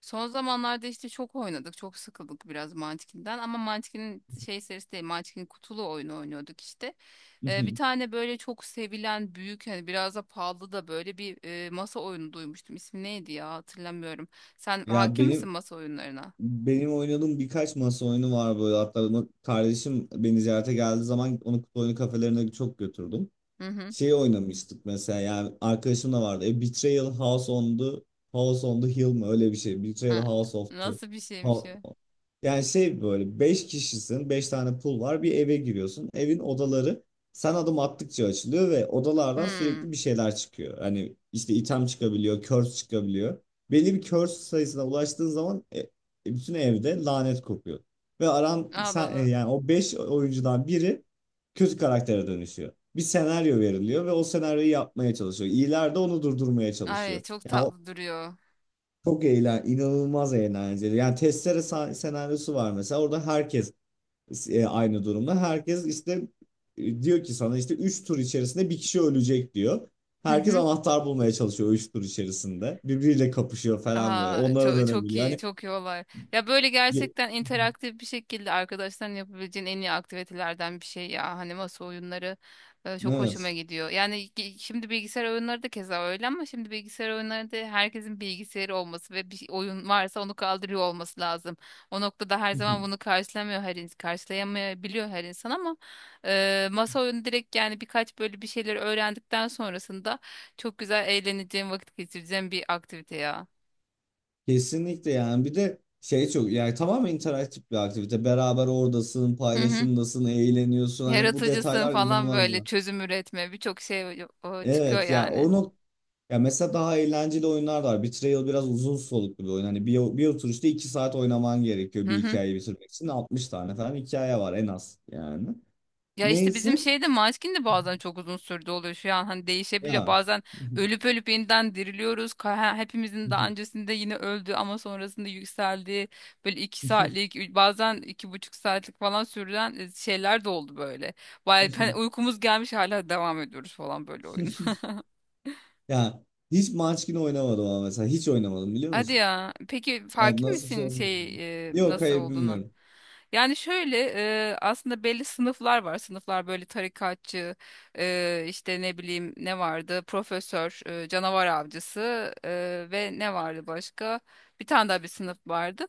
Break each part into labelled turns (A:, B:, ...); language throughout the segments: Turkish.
A: Son zamanlarda işte çok oynadık. Çok sıkıldık biraz Munchkin'den. Ama Munchkin'in şey serisi değil. Munchkin'in kutulu oyunu oynuyorduk işte.
B: Hı
A: Bir
B: hı.
A: tane böyle çok sevilen büyük hani biraz da pahalı da böyle bir masa oyunu duymuştum. İsmi neydi ya hatırlamıyorum. Sen
B: Ya
A: hakim misin
B: benim
A: masa oyunlarına?
B: benim oynadığım birkaç masa oyunu var böyle, hatta kardeşim beni ziyarete geldiği zaman onu kutu oyunu kafelerine çok götürdüm.
A: Hı hı.
B: Şey oynamıştık mesela, yani arkadaşım da vardı. Betrayal House on the Hill mı öyle bir şey. Betrayal
A: Ha,
B: House of the
A: nasıl bir şeymiş
B: Ha-
A: ya?
B: Yani şey böyle 5 kişisin, 5 tane pul var, bir eve giriyorsun. Evin odaları sen adım attıkça açılıyor ve odalardan
A: Hmm.
B: sürekli bir şeyler çıkıyor. Hani işte item çıkabiliyor, curse çıkabiliyor. Belli bir curse sayısına ulaştığın zaman bütün evde lanet kopuyor. Ve
A: Allah
B: sen,
A: Allah.
B: yani o 5 oyuncudan biri kötü karaktere dönüşüyor. Bir senaryo veriliyor ve o senaryoyu yapmaya çalışıyor. İyiler de onu durdurmaya
A: Ay
B: çalışıyor.
A: çok
B: Yani o
A: tatlı duruyor.
B: inanılmaz eğlenceli. Yani testere senaryosu var mesela. Orada herkes aynı durumda. Herkes işte diyor ki sana işte 3 tur içerisinde bir kişi ölecek diyor.
A: Hı
B: Herkes
A: hı.
B: anahtar bulmaya çalışıyor 3 tur içerisinde. Birbiriyle kapışıyor falan böyle.
A: Aa,
B: Onlara
A: çok, çok
B: dönebiliyor.
A: iyi,
B: Hani
A: çok iyi olay. Ya böyle
B: ye-
A: gerçekten interaktif bir şekilde arkadaşların yapabileceğin en iyi aktivitelerden bir şey ya. Hani masa oyunları çok hoşuma
B: evet.
A: gidiyor. Yani şimdi bilgisayar oyunları da keza öyle ama şimdi bilgisayar oyunları da herkesin bilgisayarı olması ve bir oyun varsa onu kaldırıyor olması lazım. O noktada her zaman bunu karşılamıyor her insan, karşılayamayabiliyor her insan ama masa oyunu direkt yani birkaç böyle bir şeyleri öğrendikten sonrasında çok güzel eğleneceğim, vakit geçireceğim bir aktivite ya.
B: Kesinlikle, yani bir de şey çok, yani tamamen interaktif bir aktivite. Beraber oradasın,
A: Hı hı.
B: paylaşımdasın, eğleniyorsun. Hani bu
A: Yaratıcısın
B: detaylar
A: falan böyle
B: inanılmaz.
A: çözüm üretme birçok şey o çıkıyor
B: Evet ya
A: yani.
B: onu. Ya mesela daha eğlenceli oyunlar da var. Betrayal biraz uzun soluklu bir oyun. Hani bir oturuşta 2 saat oynaman gerekiyor
A: Hı
B: bir
A: hı.
B: hikayeyi bitirmek için. 60 tane falan hikaye var en az yani.
A: Ya işte bizim
B: Neyse
A: şeyde maçkin de bazen çok uzun sürdü oluyor şu an hani değişebiliyor.
B: ya.
A: Bazen ölüp ölüp yeniden diriliyoruz. Hepimizin daha öncesinde yine öldü ama sonrasında yükseldiği böyle iki saatlik bazen iki buçuk saatlik falan sürülen şeyler de oldu böyle. Bayağı hani uykumuz gelmiş hala devam ediyoruz falan böyle oyuna.
B: Ya hiç Munchkin oynamadım ama mesela. Hiç oynamadım biliyor
A: Hadi
B: musun?
A: ya. Peki
B: Evet,
A: farkın
B: nasıl
A: misin şey
B: söyleyeyim? Yok,
A: nasıl
B: hayır,
A: olduğunu?
B: bilmiyorum.
A: Yani şöyle aslında belli sınıflar var. Sınıflar böyle tarikatçı, işte ne bileyim ne vardı? Profesör, canavar avcısı ve ne vardı başka? Bir tane daha sınıf vardı.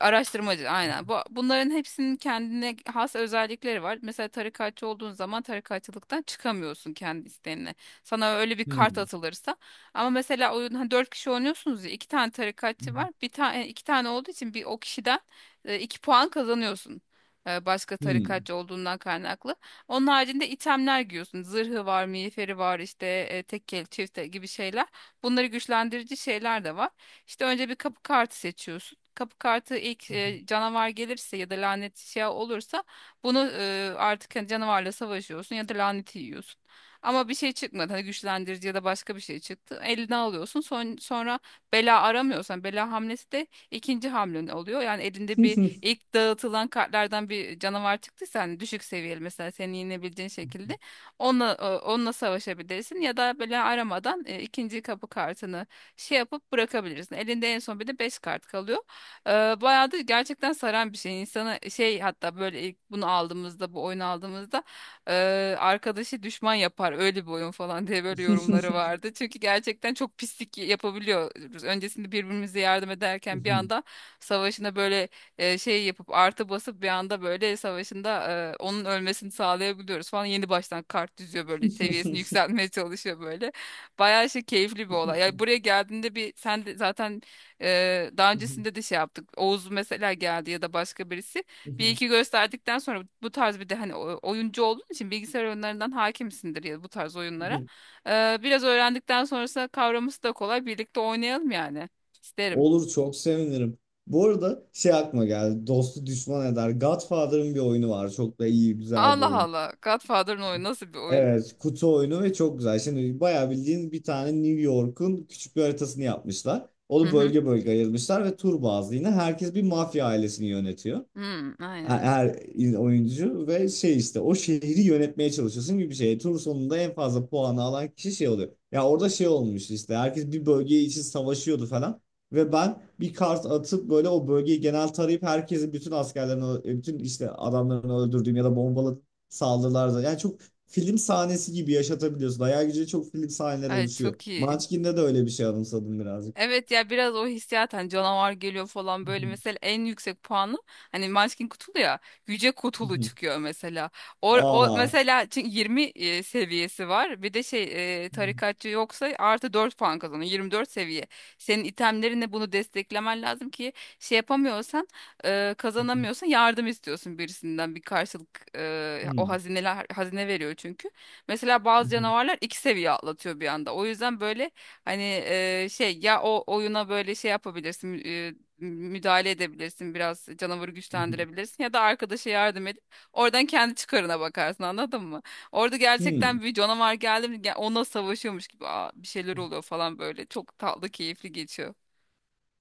A: Araştırmacı aynen. Bunların hepsinin kendine has özellikleri var. Mesela tarikatçı olduğun zaman tarikatçılıktan çıkamıyorsun kendi isteğinle. Sana öyle bir kart
B: Hmm.
A: atılırsa ama mesela oyun hani dört kişi oynuyorsunuz ya iki tane tarikatçı var. Bir tane iki tane olduğu için bir o kişiden iki puan kazanıyorsun. Başka
B: Hmm.
A: tarikatçı olduğundan kaynaklı. Onun haricinde itemler giyiyorsun. Zırhı var, miğferi var, işte tekkeli, çifte gibi şeyler. Bunları güçlendirici şeyler de var. İşte önce bir kapı kartı seçiyorsun. Kapı kartı ilk canavar gelirse ya da lanet şey olursa bunu artık hani canavarla savaşıyorsun ya da laneti yiyorsun. Ama bir şey çıkmadı. Hani güçlendirici ya da başka bir şey çıktı. Eline alıyorsun. Sonra bela aramıyorsan bela hamlesi de ikinci hamlen oluyor. Yani elinde bir ilk dağıtılan kartlardan bir canavar çıktıysa hani düşük seviyeli mesela seni yenebileceğin şekilde onunla savaşabilirsin ya da bela aramadan ikinci kapı kartını şey yapıp bırakabilirsin. Elinde en son bir de 5 kart kalıyor. E, Bayağı da gerçekten saran bir şey. İnsana şey hatta böyle ilk bunu aldığımızda bu oyunu aldığımızda arkadaşı düşman yapar öyle bir oyun falan diye böyle yorumları vardı. Çünkü gerçekten çok pislik yapabiliyoruz. Öncesinde birbirimize yardım ederken bir anda savaşına böyle şey yapıp artı basıp bir anda böyle savaşında onun ölmesini sağlayabiliyoruz falan. Yeni baştan kart düzüyor böyle seviyesini yükseltmeye çalışıyor böyle. Bayağı şey keyifli bir olay. Yani buraya geldiğinde bir sen de zaten daha öncesinde de şey yaptık. Oğuz mesela geldi ya da başka birisi. Bir iki gösterdikten sonra bu tarz bir de hani oyuncu olduğun için bilgisayar oyunlarından hakimsindir ya bu tarz oyunlara. Biraz öğrendikten sonrasında kavraması da kolay. Birlikte oynayalım yani. İsterim.
B: Olur, çok sevinirim. Bu arada şey aklıma geldi. Dostu düşman eder. Godfather'ın bir oyunu var. Çok da iyi, güzel bir
A: Allah
B: oyun.
A: Allah. Godfather'ın oyunu nasıl bir oyun?
B: Evet, kutu oyunu ve çok güzel. Şimdi bayağı bildiğin bir tane New York'un küçük bir haritasını yapmışlar.
A: Hı
B: Onu
A: hı.
B: bölge bölge ayırmışlar ve tur bazlı yine herkes bir mafya ailesini yönetiyor,
A: Hı, aynen.
B: her oyuncu, ve şey işte o şehri yönetmeye çalışıyorsun gibi bir şey. Tur sonunda en fazla puanı alan kişi şey oluyor. Ya orada şey olmuş, işte herkes bir bölge için savaşıyordu falan. Ve ben bir kart atıp böyle o bölgeyi genel tarayıp herkesin bütün askerlerini, bütün işte adamlarını öldürdüğüm ya da bombalı saldırılarda. Yani çok film sahnesi gibi yaşatabiliyorsun. Hayal gücüyle çok film sahneleri
A: Ay
B: oluşuyor.
A: çok iyi.
B: Munchkin'de de öyle bir şey anımsadım birazcık.
A: Evet ya biraz o hissiyat hani canavar geliyor falan böyle mesela en yüksek puanı hani Munchkin kutulu ya yüce kutulu çıkıyor mesela. O
B: Aa.
A: mesela çünkü 20 seviyesi var bir de şey
B: Hmm.
A: tarikatçı yoksa artı 4 puan kazanıyor 24 seviye. Senin itemlerine bunu desteklemen lazım ki şey yapamıyorsan kazanamıyorsan yardım istiyorsun birisinden bir karşılık o
B: Hmm.
A: hazine veriyor çünkü. Mesela bazı canavarlar iki seviye atlatıyor bir anda o yüzden böyle hani şey ya o oyuna böyle şey yapabilirsin müdahale edebilirsin biraz canavarı güçlendirebilirsin ya da arkadaşa yardım edip oradan kendi çıkarına bakarsın anladın mı? Orada
B: Hmm.
A: gerçekten bir canavar geldi mi onunla savaşıyormuş gibi "Aa, bir şeyler oluyor falan böyle çok tatlı keyifli geçiyor.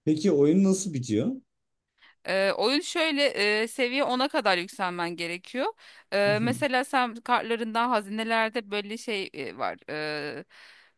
B: Peki oyun nasıl bitiyor?
A: Oyun şöyle seviye ona kadar yükselmen gerekiyor. Mesela sen kartlarından hazinelerde böyle şey var.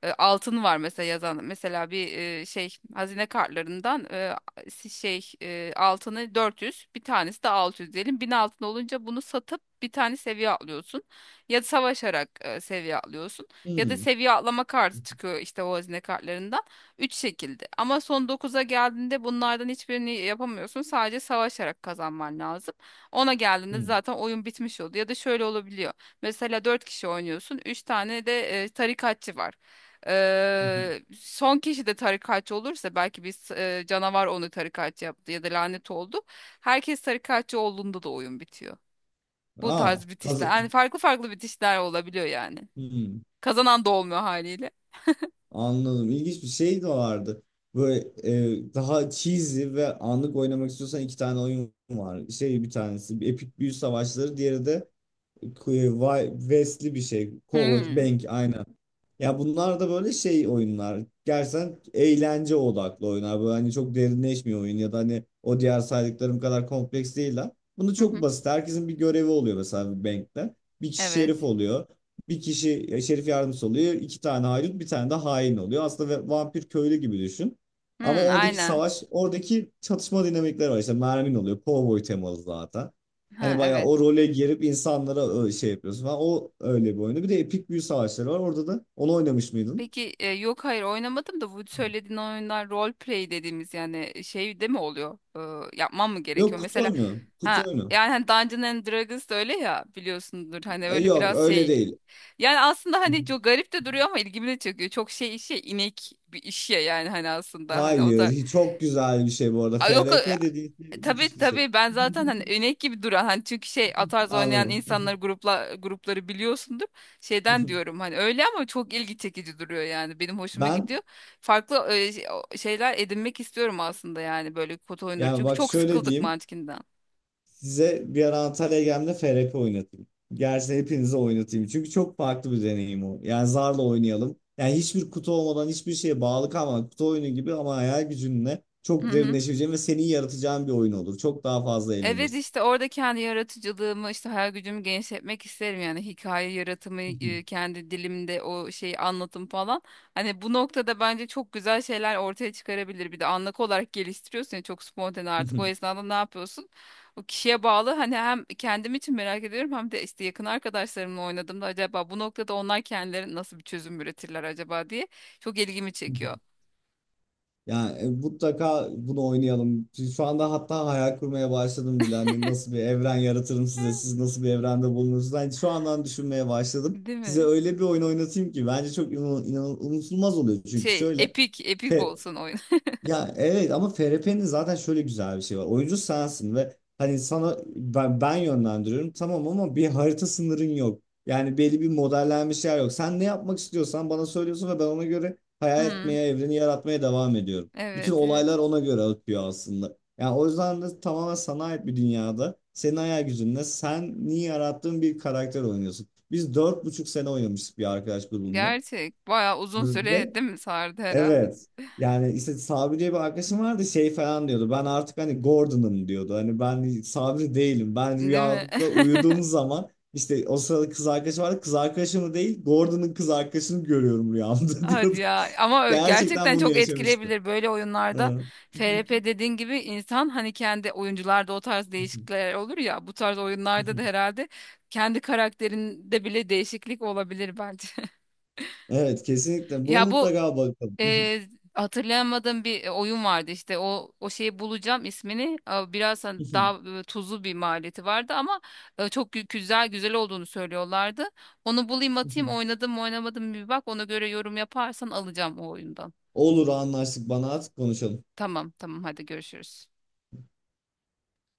A: E, altın var mesela yazan. Mesela bir şey hazine kartlarından şey altını 400 bir tanesi de 600 diyelim. 1000 altın olunca bunu satıp bir tane seviye atlıyorsun. Ya savaşarak seviye atlıyorsun.
B: Hmm.
A: Ya da
B: Hmm.
A: seviye atlama kartı çıkıyor işte o hazine kartlarından. Üç şekilde. Ama son dokuza geldiğinde bunlardan hiçbirini yapamıyorsun. Sadece savaşarak kazanman lazım. Ona geldiğinde
B: Hmm.
A: zaten oyun bitmiş oldu. Ya da şöyle olabiliyor. Mesela 4 kişi oynuyorsun. Üç tane de tarikatçı var.
B: Hı hı.
A: Son kişi de tarikatçı olursa belki bir canavar onu tarikatçı yaptı ya da lanet oldu. Herkes tarikatçı olduğunda da oyun bitiyor. Bu tarz
B: Aa,
A: bitişler.
B: kazı
A: Yani farklı farklı bitişler olabiliyor yani.
B: Hmm.
A: Kazanan da olmuyor haliyle.
B: Anladım. İlginç bir şey de vardı. Böyle, daha cheesy ve anlık oynamak istiyorsan iki tane oyun var. Şey, bir tanesi Epic Büyü Savaşları, diğeri de West'li bir şey. Cowboy
A: Hmm.
B: Bank, aynen. Ya bunlar da böyle şey oyunlar. Gerçekten eğlence odaklı oyunlar. Böyle hani çok derinleşmiyor oyun ya da hani o diğer saydıklarım kadar kompleks değiller. Bunu
A: Hı
B: çok
A: hı.
B: basit. Herkesin bir görevi oluyor, mesela bir bankte. Bir kişi şerif
A: Evet.
B: oluyor. Bir kişi şerif yardımcısı oluyor. İki tane haydut, bir tane de hain oluyor. Aslında vampir köylü gibi düşün. Ama
A: Hmm,
B: oradaki
A: aynen.
B: savaş, oradaki çatışma dinamikleri var. İşte mermin oluyor. Cowboy temalı zaten. Hani
A: Ha
B: bayağı
A: evet.
B: o role girip insanlara şey yapıyorsun falan. O öyle bir oyunu. Bir de Epik Büyü Savaşları var. Orada da onu oynamış mıydın?
A: Peki yok hayır oynamadım da bu söylediğin oyunlar role play dediğimiz yani şey de mi oluyor? Yapmam mı
B: Yok,
A: gerekiyor?
B: kutu
A: Mesela
B: oyunu. Kutu
A: ha
B: oyunu.
A: yani hani Dungeons and Dragons da öyle ya biliyorsundur hani öyle
B: Yok,
A: biraz
B: öyle
A: şey
B: değil.
A: yani aslında hani çok garip de duruyor ama ilgimi de çekiyor. Çok şey işe inek bir iş ya yani hani aslında hani o
B: Hayır.
A: da
B: Çok güzel bir şey bu arada.
A: Aa, yok
B: FRP dediğin şey müthiş
A: tabii
B: bir şey.
A: tabii ben zaten hani önek gibi duran hani çünkü şey atarz oynayan
B: Anladım.
A: insanları grupla grupları biliyorsundur. Şeyden diyorum hani öyle ama çok ilgi çekici duruyor yani benim hoşuma
B: Ben
A: gidiyor. Farklı şeyler edinmek istiyorum aslında yani böyle kod oyunları.
B: Yani
A: Çünkü
B: bak
A: çok
B: şöyle
A: sıkıldık
B: diyeyim.
A: Munchkin'den.
B: Size bir ara Antalya'ya geldiğimde FRP oynatayım. Gerçi hepinize oynatayım. Çünkü çok farklı bir deneyim o. Yani zarla oynayalım. Yani hiçbir kutu olmadan, hiçbir şeye bağlı kalmadan, kutu oyunu gibi ama hayal gücünle
A: Hı
B: çok
A: hı.
B: derinleşeceğin ve senin yaratacağın bir oyun olur. Çok daha fazla
A: Evet
B: eğlenirsin.
A: işte orada kendi yaratıcılığımı işte hayal gücümü genişletmek isterim yani hikaye yaratımı kendi dilimde o şeyi anlatım falan. Hani bu noktada bence çok güzel şeyler ortaya çıkarabilir. Bir de anlık olarak geliştiriyorsun ya çok spontane artık o esnada ne yapıyorsun? O kişiye bağlı hani hem kendim için merak ediyorum hem de işte yakın arkadaşlarımla oynadığımda acaba bu noktada onlar kendileri nasıl bir çözüm üretirler acaba diye çok ilgimi çekiyor.
B: Yani, mutlaka bunu oynayalım. Şu anda hatta hayal kurmaya başladım bile. Hani nasıl bir evren yaratırım size, siz nasıl bir evrende bulunursunuz. Hani şu andan düşünmeye başladım.
A: Değil
B: Size
A: mi?
B: öyle bir oyun oynatayım ki bence çok unutulmaz oluyor. Çünkü
A: Şey
B: şöyle,
A: epik epik olsun oyun.
B: ya evet ama FRP'nin zaten şöyle güzel bir şey var. Oyuncu sensin ve hani sana ben yönlendiriyorum tamam ama bir harita sınırın yok. Yani belli bir modellenmiş yer yok. Sen ne yapmak istiyorsan bana söylüyorsun ve ben ona göre hayal
A: Hmm,
B: etmeye, evreni yaratmaya devam ediyorum. Bütün
A: evet evet.
B: olaylar ona göre akıyor aslında. Yani o yüzden de tamamen sana ait bir dünyada senin hayal gücünle sen niye yarattığın bir karakter oynuyorsun. Biz 4,5 sene oynamıştık bir arkadaş grubumla.
A: Gerçek. Bayağı uzun
B: Ve
A: süre değil mi sardı herhalde?
B: Evet. Yani işte Sabri diye bir arkadaşım vardı, şey falan diyordu. Ben artık hani Gordon'ım, diyordu. Hani ben Sabri değilim. Ben
A: Değil mi?
B: rüyada uyuduğum zaman işte o sırada kız arkadaşım vardı. Kız arkadaşımı değil, Gordon'ın kız arkadaşını görüyorum rüyamda,
A: Hadi
B: diyordu.
A: ya. Ama
B: Gerçekten
A: gerçekten
B: bunu
A: çok
B: yaşamıştı.
A: etkileyebilir böyle oyunlarda.
B: Evet.
A: FRP dediğin gibi insan hani kendi oyuncularda o tarz değişiklikler olur ya. Bu tarz oyunlarda da herhalde kendi karakterinde bile değişiklik olabilir bence.
B: Evet, kesinlikle. Buna
A: Ya bu
B: mutlaka bakalım.
A: Hatırlayamadığım bir oyun vardı işte o şeyi bulacağım ismini biraz hani daha tuzlu bir maliyeti vardı ama güzel güzel olduğunu söylüyorlardı. Onu bulayım atayım oynadım mı oynamadım mı bir bak ona göre yorum yaparsan alacağım o oyundan.
B: Olur, anlaştık. Bana artık konuşalım.
A: Tamam tamam hadi görüşürüz.